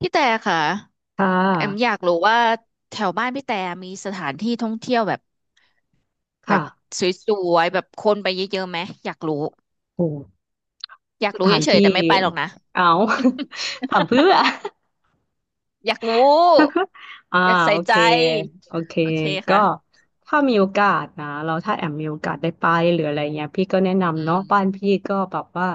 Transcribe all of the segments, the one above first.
พี่แต่ค่ะค่แอมอะยากรู้ว่าแถวบ้านพี่แต่มีสถานที่ท่องเที่ยวแบบแบค่ะบสวยๆแบบคนไปเยอะๆไหมอยากรู้โอ้อยากสรู้ถานเฉยที่ ๆแต่ไม่ไปหรอกนะ เอา ถามเพื่อ อยากรู้ อ่าอยากใส่โอเค ใจโอเค โอเคก็ ค่ะถ้ามีโอกาสนะ เราถ้าแอมมีโอกาสได้ไปหรืออะไรเงี้ยพี่ก็แนะอืนำเนาะมบ้านพี่ก็แบบว่า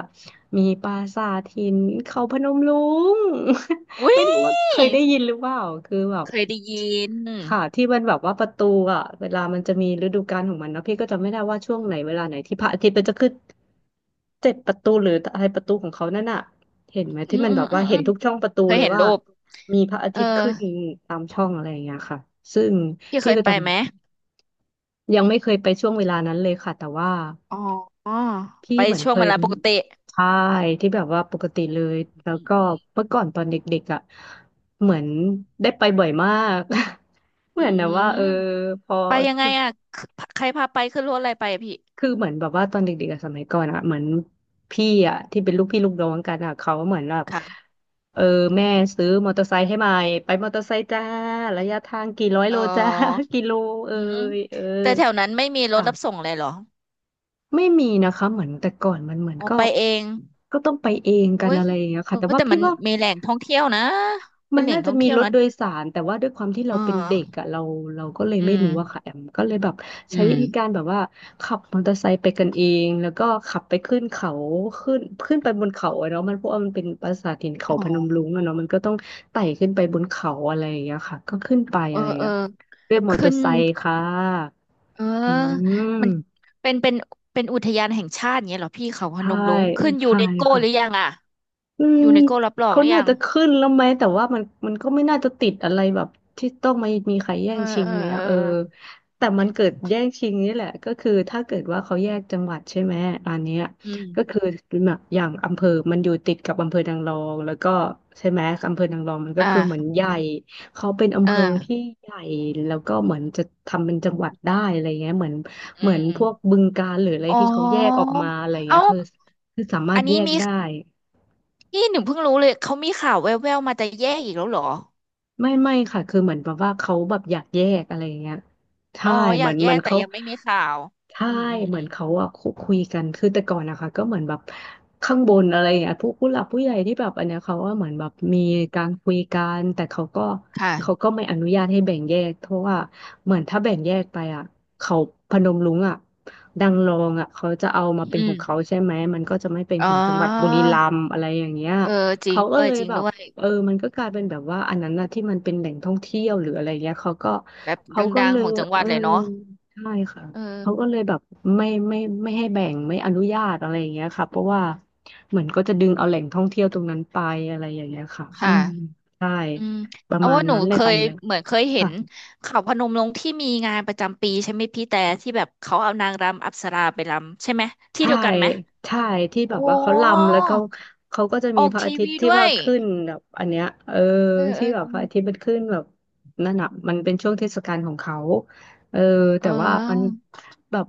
มีปราสาทหินเขาพนมรุ้ง อุ้ยไม่รู้ว่าเคยได้ยินหรือเปล่า คือแบบ เคยได้ยินค่ะที่มันแบบว่าประตูอ่ะเวลามันจะมีฤดูกาลของมันเนอะพี่ก็จำไม่ได้ว่าช่วงไหนเวลาไหนที่พระอาทิตย์มันจะขึ้นเจ็ดประตูหรืออะไรประตูของเขานั่นน่ะเห็นไหมอืที่มมันอืแบมบอืว่ามเห็อืนมทุกช่องประตูเคยเลยเห็นว่ารูปมีพระอาเออทิตย์ขึ้นตามช่องอะไรอย่างเงี้ยค่ะซึ่งพี่เคพี่ยก็ไปจไหมำยังไม่เคยไปช่วงเวลานั้นเลยค่ะแต่ว่า อ๋อพี่ไปเหมือนช่วเคงเวยลาปกติใช่ที่แบบว่าปกติเลยอืแล้วก็มเมื่อก่อนตอนเด็กๆอ่ะเหมือนได้ไปบ่อยมาก เหอืมือนแบบว่าม เออพอไปยังไงอ่ะคือใครพาไปขึ้นรถอะไรไปอะพี่คือเหมือนแบบว่าตอนเด็กๆอะสมัยก่อนอ่ะเหมือนพี่อ่ะที่เป็นลูกพี่ลูกน้องกันอ่ะเขาเหมือนแบบค่ะเออแม่ซื้อมอเตอร์ไซค์ให้ใหม่ไปมอเตอร์ไซค์จ้าระยะทางกี่ร้อยเโลจ้า ออ กิโลเออืมยเออแต่แถวนั้นไม่มีรถค่ะ รับส่งเลยเหรอไม่มีนะคะเหมือนแต่ก่อนมันเหมือนอ๋อก็ไปเองก็ต้องไปเองกัเฮ้นยอะไรอย่างเงี้ยโอ้ค่ะแต่ยว่าแต่พี่มันว่ามีแหล่งท่องเที่ยวนะเป็มันนแหล่งน่าจะท่องมีเที่ยวรถนะโดยสารแต่ว่าด้วยความที่เอเราเป็นเด็กออะเราก็เลยอืไม่รู้อะมค่ะแอมก็เลยแบบอืใช้มวิธีการแบบว่าขับมอเตอร์ไซค์ไปกันเองแล้วก็ขับไปขึ้นเขาขึ้นขึ้นไปบนเขาอะเนาะมันเพราะว่ามันเป็นปราสาทหินเขาอ๋พนมอรุ้งอะเนาะมันก็ต้องไต่ขึ้นไปบนเขาอะไรอย่างเงี้ยค่ะก็ขึ้นไปเออะอไรอย่างเออเงี้ยด้วยมอเตอขึ้ร์นไซค์ค่ะเออือมันมเป็นเป็นอุทยานแห่งชาติอย่างเงี้ยเหรอพี่เขาพใช่นมรุ้งขึ้นยูใช่เนสโกค่ะ หรือยังอ่ะอืมยูเนสโกรับรองเขาหรือน่ายังจะขึ้นแล้วไหมแต่ว่ามันก็ไม่น่าจะติดอะไรแบบที่ต้องมามีใครแย่เองอชิงเออไหมเออะอเออแต่มันเกิดแย่งชิงนี่แหละก็คือถ้าเกิดว่าเขาแยกจังหวัดใช่ไหมอันเนี้ยอืก็คืมอแบบอย่างอำเภอมันอยู่ติดกับอำเภอนางรองแล้วก็ใช่ไหมอำเภอนางรองมันก็คือเหมือนอ่าใหญ่เขาเป็นอำเอเภอที่อ ใหญ่แล้วก็เหมือนจะทำเป็นจังหวัดได้อะไรเงี้ยเหมือนอืเหมือนมพวกบึงกาฬหรืออะไรอ๋อที่เขาแยกออกมาอะไรเงี้เอ้ายคือสามารอัถนแยนี้กมีได้ นี่หนูเพิ่งรู้เลยเขามีข่าวแว่วๆมาจะแยกอีกแล้วเหรอไม่ค่ะคือเหมือนแบบว่าเขาแบบอยากแยกอะไรอย่างเงี้ยอ๋ใช่ออเหมืยาอกนแยมันกแต่เขายังไม่มีข่าวใช่อืมอืมเหมือือนมเขาอะคุยกันคือแต่ก่อนนะคะก็เหมือนแบบข้างบนอะไรอย่างเงี้ยผู้หลักผู้ใหญ่ที่แบบอันเนี้ยเขาว่าเหมือนแบบมีการคุยกันแต่เขาก็เขาค่ะก็ไม่อนุญาตให้แบ่งแยกเพราะว่าเหมือนถ้าแบ่งแยกไปอะเขาพนมรุ้งอะดังรองอะเขาจะเอามาเป็นขอืมองเขาใช่ไหมมันก็จะไม่เป็นอ๋ขอองจังหวัดบุรีรัมย์อะไรอย่างเงี้ยเออจริงเขาก็ด้วยเลยจริงแบด้บ วยเออมันก็กลายเป็นแบบว่าอันนั้นนะที่มันเป็นแหล่งท่องเที่ยวหรืออะไรเงี้ยเขาก็แบบดเขาก็ังเลๆขยองจังหเอวัดอเลยเนาะใช่ค่ะเออเขาก็เลยแบบไม่ไม่ไม่ให้แบ่งไม่อนุญาตอะไรอย่างเงี้ยค่ะเพราะว่าเหมือนก็จะดึงเอาแหล่งท่องเที่ยวตรงนั้นไปอะไรอย่างเงี้ยค่ะอืมค่ะใช่อืมประเอามาณว่าหนูนั้นเลเคยค่ะยอันเนี้ยเหมือนเคยเห็นค่ะ เขาพนมรุ้งที่มีงานประจำปีใช่ไหมพี่แต่ที่แบบเขาเอานางรำอัปสราไปรำใช่ไหมที่ใช่เดียวกันไหมใช่ ที่แบโอ้บว่าเขาลำแล้วเขาเขาก็จะอมีอกพระอาทีทิตวีย์ที่ด้วว่าย ขึ้นแบบอันเนี้ยเออเออเอที่อแบบพระอาทิตย์มันขึ้นแบบนั่นอ่ะมันเป็นช่วงเทศกาลของเขาเออเแต่ว่ามันออแบบ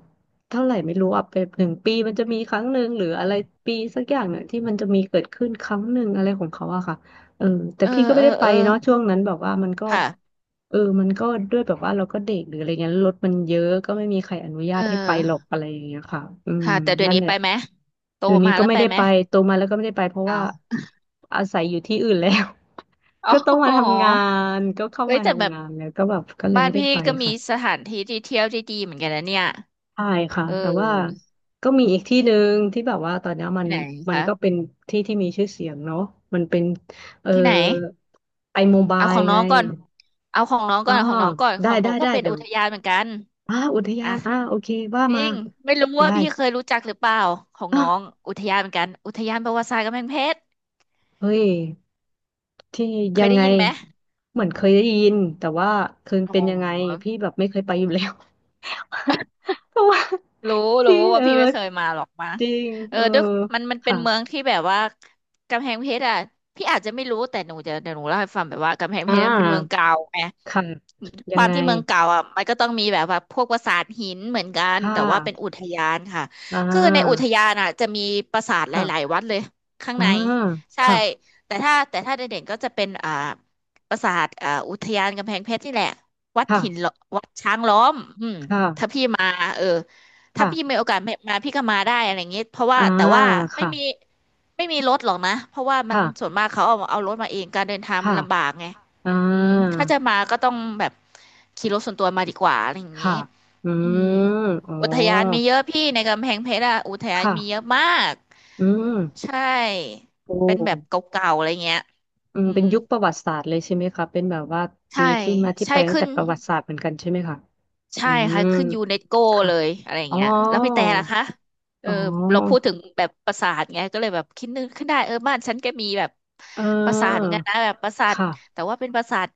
เท่าไหร่ไม่รู้อ่ะเป็นหนึ่งปีมันจะมีครั้งหนึ่งหรืออะไรปีสักอย่างเนี่ยที่มันจะมีเกิดขึ้นครั้งหนึ่งอะไรของเขาอะค่ะ เออแต่เออพี่ก็ไม่เออได้ไปเออเนาะเออช่วงนั้นแบบว่ามันก็ค่ะเออมันก็ด้วยแบบว่าเราก็เด็กหรืออะไรเงี้ยรถมันเยอะก็ไม่มีใครอนุญาเอตให้ไปหรอกออะไรอย่างเงี้ยค่ะอืมค่ะแต่เดี๋ยนั่วนนี้แหละไปไหมโตเดี๋ยวนี้มาก็แล้วไม่ไปได้ไหมไปโตมาแล้วก็ไม่ได้ไปเพราะเอว่าาอาศัยอยู่ที่อื่นแล้ว ก็ต้องมาอ๋อทำงานก็เข้าเฮ้ยมาแต่แบทำบงานแล้วก็แบบก็เลยบ้านไม่ได้พี่ไปก็มีค่ะ สถานที่ที่เที่ยวที่ดีเหมือนกันนะเนี่ยใช่ค่ะเแต่ว่าออก็มีอีกที่หนึ่งที่แบบว่าตอนเนี้ยมัที่นไหนมันคะก็เป็นที่ที่มีชื่อเสียงเนาะมันเป็นเอ่อที่ไหนไอโมบาเอายของน้ไงองก่อนเอาของน้องอ๋ก่ออนเอาของน้องก่อนขได้องหนูได้ก็ได้เป็นเดี๋อุยวทยานเหมือนกันอ่าอุทยาอ่ะนอ่าโอเคว่าจริมางไม่รู้ว่าได้พี่เคยรู้จักหรือเปล่าของอ่ะน้องอุทยานเหมือนกันอุทยานประวัติศาสตร์กำแพงเพชรเฮ้ยที่เคยัยงได้ไงยินไหมเหมือนเคยได้ยินแต่ว่าคืนอ๋เป็นยังไงอ พี่แบบไม่เคยไปอยู่แล้ว เพราะว่ารู้รู้ที่ว่าเออพี่ไม่เคยมาหรอกมาจริงเออเออด้วยมันมันเป็นค่ะเมืองที่แบบว่ากำแพงเพชรอ่ะพี่อาจจะไม่รู้แต่หนูจะเดี๋ยวหนูเล่าให้ฟังแบบว่ากำแพงอ่เพชรมันเป็นเมืองา เก่าไงค่ะคยังวามไงที่เมืองเก่าอ่ะมันก็ต้องมีแบบว่าพวกปราสาทหินเหมือนกันค่แต่ว่าเป็นอุะทยานค่ะอ่คือในอุทายานอ่ะจะมีปราสาทหลายๆค่ะวัดเลยข้างอ่าในใช่ค่ะแต่ถ้าแต่ถ้าเด่นๆก็จะเป็นปราสาทอุทยานกำแพงเพชรนี่แหละวัดหินค่ะล้อวัดช้างล้อมอืมคถ้า่ะพี่มาเออ ถ้าพี่มีค่ะโอกาสมาพี่ก็มาได้อะไรอย่างเงี้ยเพราะว่าอ่าแต่ว่าไม่ค่ะมีไม่มีรถหรอกนะเพราะว่ามันค่ะส่วนมากเขาเอารถมาเองการเดินทางมัค่ะนลำบากไงอ่อืมาถ้าจะมาก็ต้องแบบขี่รถส่วนตัวมาดีกว่าอะไรอย่างค่ะงี้อือืมมอ๋ออุทยานมีเยอะพี่ในกำแพงเพชรอะอุทยานค่ะมีเยอะมากอืมใช่โอ้เป็นแบบเก่าๆอะไรเงี้ยอือืมเป็มนยุคประวัติศาสตร์เลยใช่ไหมคะเป็นแบบว่าใช่มีที่มาที่ใช่ไปตั้งขึ้แต่น ประวัติศาสตร์เหมือนกันใช่ไหมคะใช่อืค่ะมขึ้นยูเนสโกค่ะเลยอะไรอย่าอ๋งอเงี้ยแล้วพี่แต่ล่ะคะเอออ๋อเราพูดถึงแบบปราสาทไงก็เลยแบบคิดนึกขึ้นได้เออบ้านฉันก็มีแบบเอปราสาทเหมืออนกันนะแบบปราสาทค่ะแต่ว่าเป็นปราสาท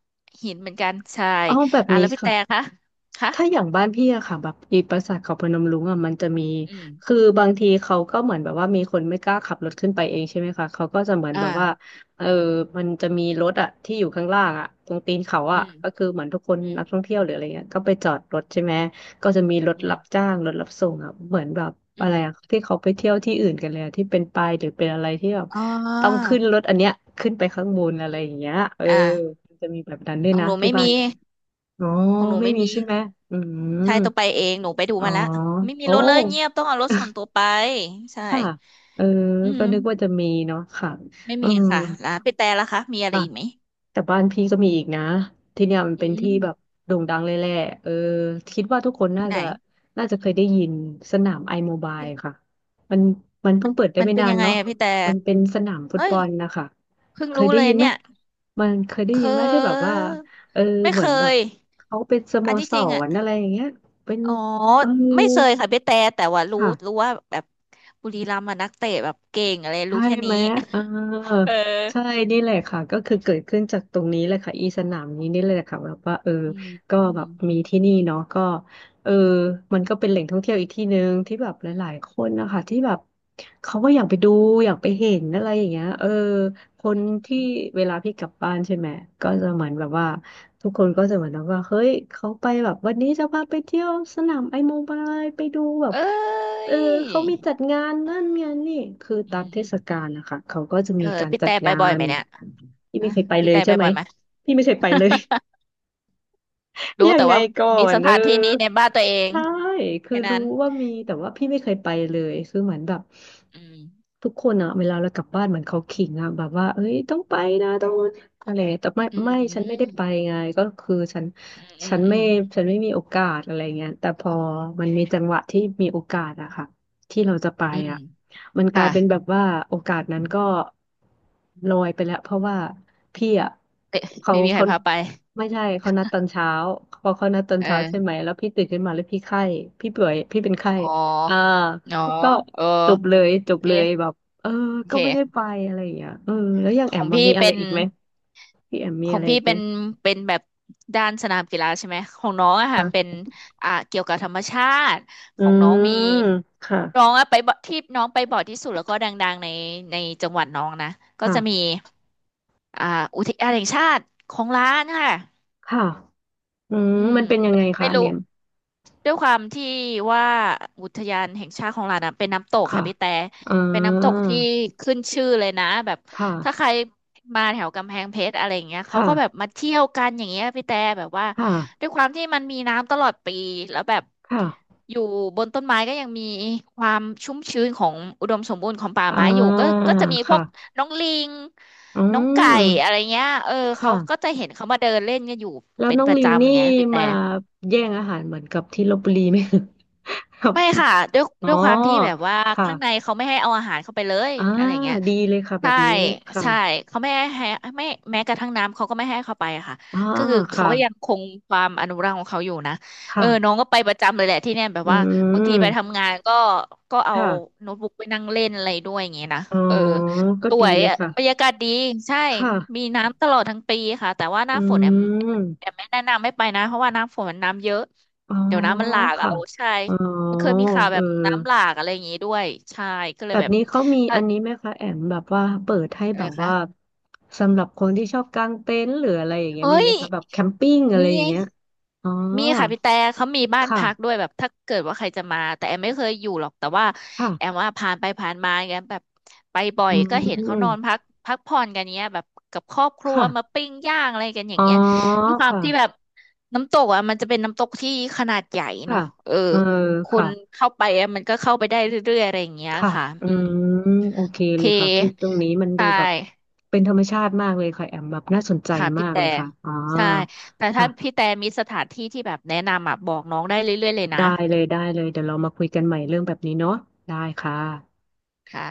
หินเหมือนกันใช่เอาแบบอ่ะนี้แล้วพี่แต่ค่ะ คะคะถ้าอย่างบ้านพี่อะค่ะแบบอีปราสาทเขาพนมรุ้งอะมันจะมีอืมคือบางทีเขาก็เหมือนแบบว่ามีคนไม่กล้าขับรถขึ้นไปเองใช่ไหมคะเขาก็จะเหมือนอ่าแบบว่าเออมันจะมีรถอะที่อยู่ข้างล่างอะตรงตีนเขาอือะมก็คือเหมือนทุกคนอืมนักท่องเที่ยวหรืออะไรเงี้ยก็ไปจอดรถใช่ไหมก็จะมีรถอืมรับจ้างรถรับส่งอะเหมือนแบบอือะไรมอะที่เขาไปเที่ยวที่อื่นกันเลยอะที่เป็นปายหรือเป็นอะไรที่แบบอ๋ต้องอขึ้นรถอันเนี้ยขึ้นไปข้างบนอะไรอือมย่างเงี้ยเอออ่ามันจะมีแบบนั้นด้วขยองนะหนูที่ไม่บ้านมีพี่ อ๋อของหนูไม่ไม่มีมีใช่ไหมอืมใช่ต้องไปเองหนูไปดูอ๋อมาแล้วไม่มีโอ้ รถเลยเงียบต้องเอารถส่วนตั วไปใช่ค่ะ เออ อืก็ม นึกว่าจะมีเนาะค่ะ ไม่อืมีม ค่ะร้านพี่แต่ละคะมีอะไรค่ะอีกไหมแต่บ้านพี่ก็มีอีกนะที่เนี่ยมันอืเป็นที่แบบมโด่งดังเลยแหละเออคิดว่าทุกคนน่าที่ไหนจะน่าจะเคยได้ยินสนามไอโมบายที่ค่ะมันมันมัเพิ่นงเปิดได้มันไม่เป็นนายันงไงเนาะอะพี่แต่มันเป็นสนามฟุตเอ้บยอลนะคะเพิ่งเครู้ยได้เลยยินไหมเนี่ยมันเคยได้เคยินไหมที่แบบว่ายเออไม่เหมืเคอนแบบยเขาเป็นสโมอันที่สจริงอ่ะรอะไรอย่างเงี้ยเป็นอ๋อเออไม่เคยค่ะพี่แต่แต่ว่ารู้ค่ะ รู้ว่าแบบบุรีรัมย์อะนักเตะแบบเก่งอะไรใช่รู้แค่ไหนี้ มเอ อเออใช่นี่แหละค่ะก็คือเกิดขึ้นจากตรงนี้เลยค่ะอีสนามนี้นี่เลยค่ะแบบว่าเอออืมก็อืแบมบมีที่นี่เนาะก็เออมันก็เป็นแหล่งท่องเที่ยวอีกที่หนึ่งที่แบบหลายๆคนนะคะที่แบบเขาก็อยากไปดูอยากไปเห็นอะไรอย่างเงี้ยเออคนที่อืมเวลาพี่กลับบ้านใช่ไหมก็จะเหมือนแบบว่าทุกคนก็จะเหมือนแบบว่าเฮ้ยเขาไปแบบวันนี้จะพาไปเที่ยวสนามไอ้โมบายไปดูแบบ เอ้เอยอเขามีจัดงานนั่นงานนี่คืออืตามเทศกามลนะคะเขาก็จะเอมีอการพี่จัแต่ดไปงาบ่อยไหนมเนี่ยพี่อ่ะไม่เคยไปพี่เลยแต่ใช่ไปไหมบ่อยไหม พี่ไม่เคยไปเลย รู้ยังแต่ไงว่าก่อมีนสเออถานที่นี้ในบ้านตัวเองใช่คือแค่นั้รู้นว่ามีแต่ว่าพี่ไม่เคยไปเลยคือเหมือนแบบอืมทุกคนอะเวลาเรากลับบ้านเหมือนเขาขิงอะแบบว่าเอ้ยต้องไปนะต้องอะไรแต่ไม่อืไม่ฉันไม่ได้มไปไงก็คือฉันอืมอืมฉันอืไม่มฉันไม่มีโอกาสอะไรเงี้ยแต่พอมันมีจังหวะที่มีโอกาสอะค่ะที่เราจะไปอืมอะมันกค่ะลายเป็นแบบว่าโอกาสนั้นก็ลอยไปแล้วเพราะว่า พี่อ่ะเอ๊ะเขาไม่มีใครเขาพาไปไม่ใช่เขานัดตอนเช้าพอเขานัดตอนเช้าใช่เออไหมแล้วพี่ตื่นขึ้นมาแล้วพี่ไข้พี่ป่วยพี่เป็นไข้อ๋ออ่าอ๋อก็เออจบเลยจโอบเคเลยแบบเออโอก็ไม่ได้เค ไปอะไรอย่างเงี้ยเออแล้วอย่างขแออมงมาพี่มีอะไรเป็นอีกไหมพี่แอมขมีออะงไรพี่อีกไหเป็มนเป็นแบบด้านสนามกีฬาใช่ไหมของน้องอะค่ะเป็นคะอ่าเกี่ยวกับธรรมชาติขอืองน้อมงมีค่ะน้องอะไปบ่ที่น้องไปบ่อยที่สุดแล้วก็ดังๆในในจังหวัดน้องนะก็จะมีค่ะอ่าอุทยานแห่งชาติของล้านค่ะค่ะอืมอืมมันเป็นยังไม่ไงไม่คะอันรู้ เนี่ยด้วยความที่ว่าอุทยานแห่งชาติของเรานะเป็นน้ำตกค่ะค่ะพี่แต่อ่าเป็นน้ำตกที่ขึ้นชื่อเลยนะแบบค่ะถ้าใครมาแถวกำแพงเพชรอะไรอย่างเงี้ยเขาค่ะก็แบบมาเที่ยวกันอย่างเงี้ยพี่แต่แบบว่าค่ะด้วยความที่มันมีน้ำตลอดปีแล้วแบบค่ะอยู่บนต้นไม้ก็ยังมีความชุ่มชื้นของอุดมสมบูรณ์ของป่าอไม้อยู่่าก็จะมีพวกค่ะน้องลิงอืน้องไก่อะมไรเงี้ยเออเขาก็ค่ะ จะเห็นเขามาเดินเล่นกันอยู่แล้วเป็นน้องประลิงนี่จำไงพี่แต่ มาแย่งอาหารเหมือนกับที่ลพบุรีไหม ครับไม่ค่ะด้วยอ๋อด้วยความที่แบบว่าข้างในค่ะเขาไม่ให้เอาอาหารเข้าไปเลยอ่าอะไรอย่างเงี้ยดีเลยค่ะแบใช่บนี้ค่ะใช่เขาไม่ให้ให้ไม่แม้กระทั่งน้ำเขาก็ไม่ให้เข้าไปอะค่ะอ่าก็คือเขาค่ะก็ยังคงความอนุรักษ์ของเขาอยู่นะเออน้อค่ะงก็ไปประจำเลยแหละที่เนี่ยแบบอืว่าบางทีไปมทำงานก็เอาค่ะโน้ตบุ๊กไปนั่งเล่นอะไรด้วยอย่างเงี้ยนะอ๋อเออก็สดีวยเลยอะค่ะบรรยากาศดีใช่มีค่ะน้ำตลอดทั้งปีค่ะแต่ว่าหอืน้าฝนแอมแอมมไม่แนะนำไม่ไปนะเพราะว่าหน้ำฝนมันน้ำเยอะอ๋อเดี๋ยวน้ำมันหลากเอาค่ะใช่ อ๋อมันเคยมีข่าวเอแบอบน้ำหลากอะไรอย่างงี้ด้วยใช่ก็เลแบยบแบบนี้เขามีถ้าอันนี้ไหมคะแอมแบบว่าเปิดให้อะแบไรบว่าคะสำหรับคนที่ชอบกางเต็นท์หรืออะไรอย่างเงี้ยมีเอ้ไหยมคะแบบแคมปิ้งอะไรมีอย่างเงี้ยอ๋อ มีค่ะพี่แต่เขามีบ้านค่ะพักด้วยแบบถ้าเกิดว่าใครจะมาแต่แอมไม่เคยอยู่หรอกแต่ว่าค่ะแอมว่าผ่านไปผ่านมาอย่างเงี้ยแบบไปบ่ออืยก็เห็นเขานมอนพักพักผ่อนกันเงี้ยแบบกับครอบครัวมาค่ะปิ้งย่างอะไรกันออ๋ย่างอเงี้ยด้วยความค่ะที่แบบน้ำตกอ่ะมันจะเป็นน้ำตกที่ขนาดใหญ่ค่ะเนาะเออเออคค่ะนเข้าไปอะมันก็เข้าไปได้เรื่อยๆอะไรอย่างเงี้ยค่ะค่ะอือืมมโอเคโอเลเคยค่ะที่ตรงนี้มันดูใช่ แบบเป็นธรรมชาติมากเลยค่ะแอมแบบน่าสนใจค่ะมาพี่กแต่เลยค่ะอ๋อใช่แต่ถ้าพี่ค่ะแต่มีสถานที่ที่แบบแนะนำอ่ะบอกน้องได้เรื่อยๆเลยนะได้เลยได้เลยเดี๋ยวเรามาคุยกันใหม่เรื่องแบบนี้เนาะได้ค่ะค่ะ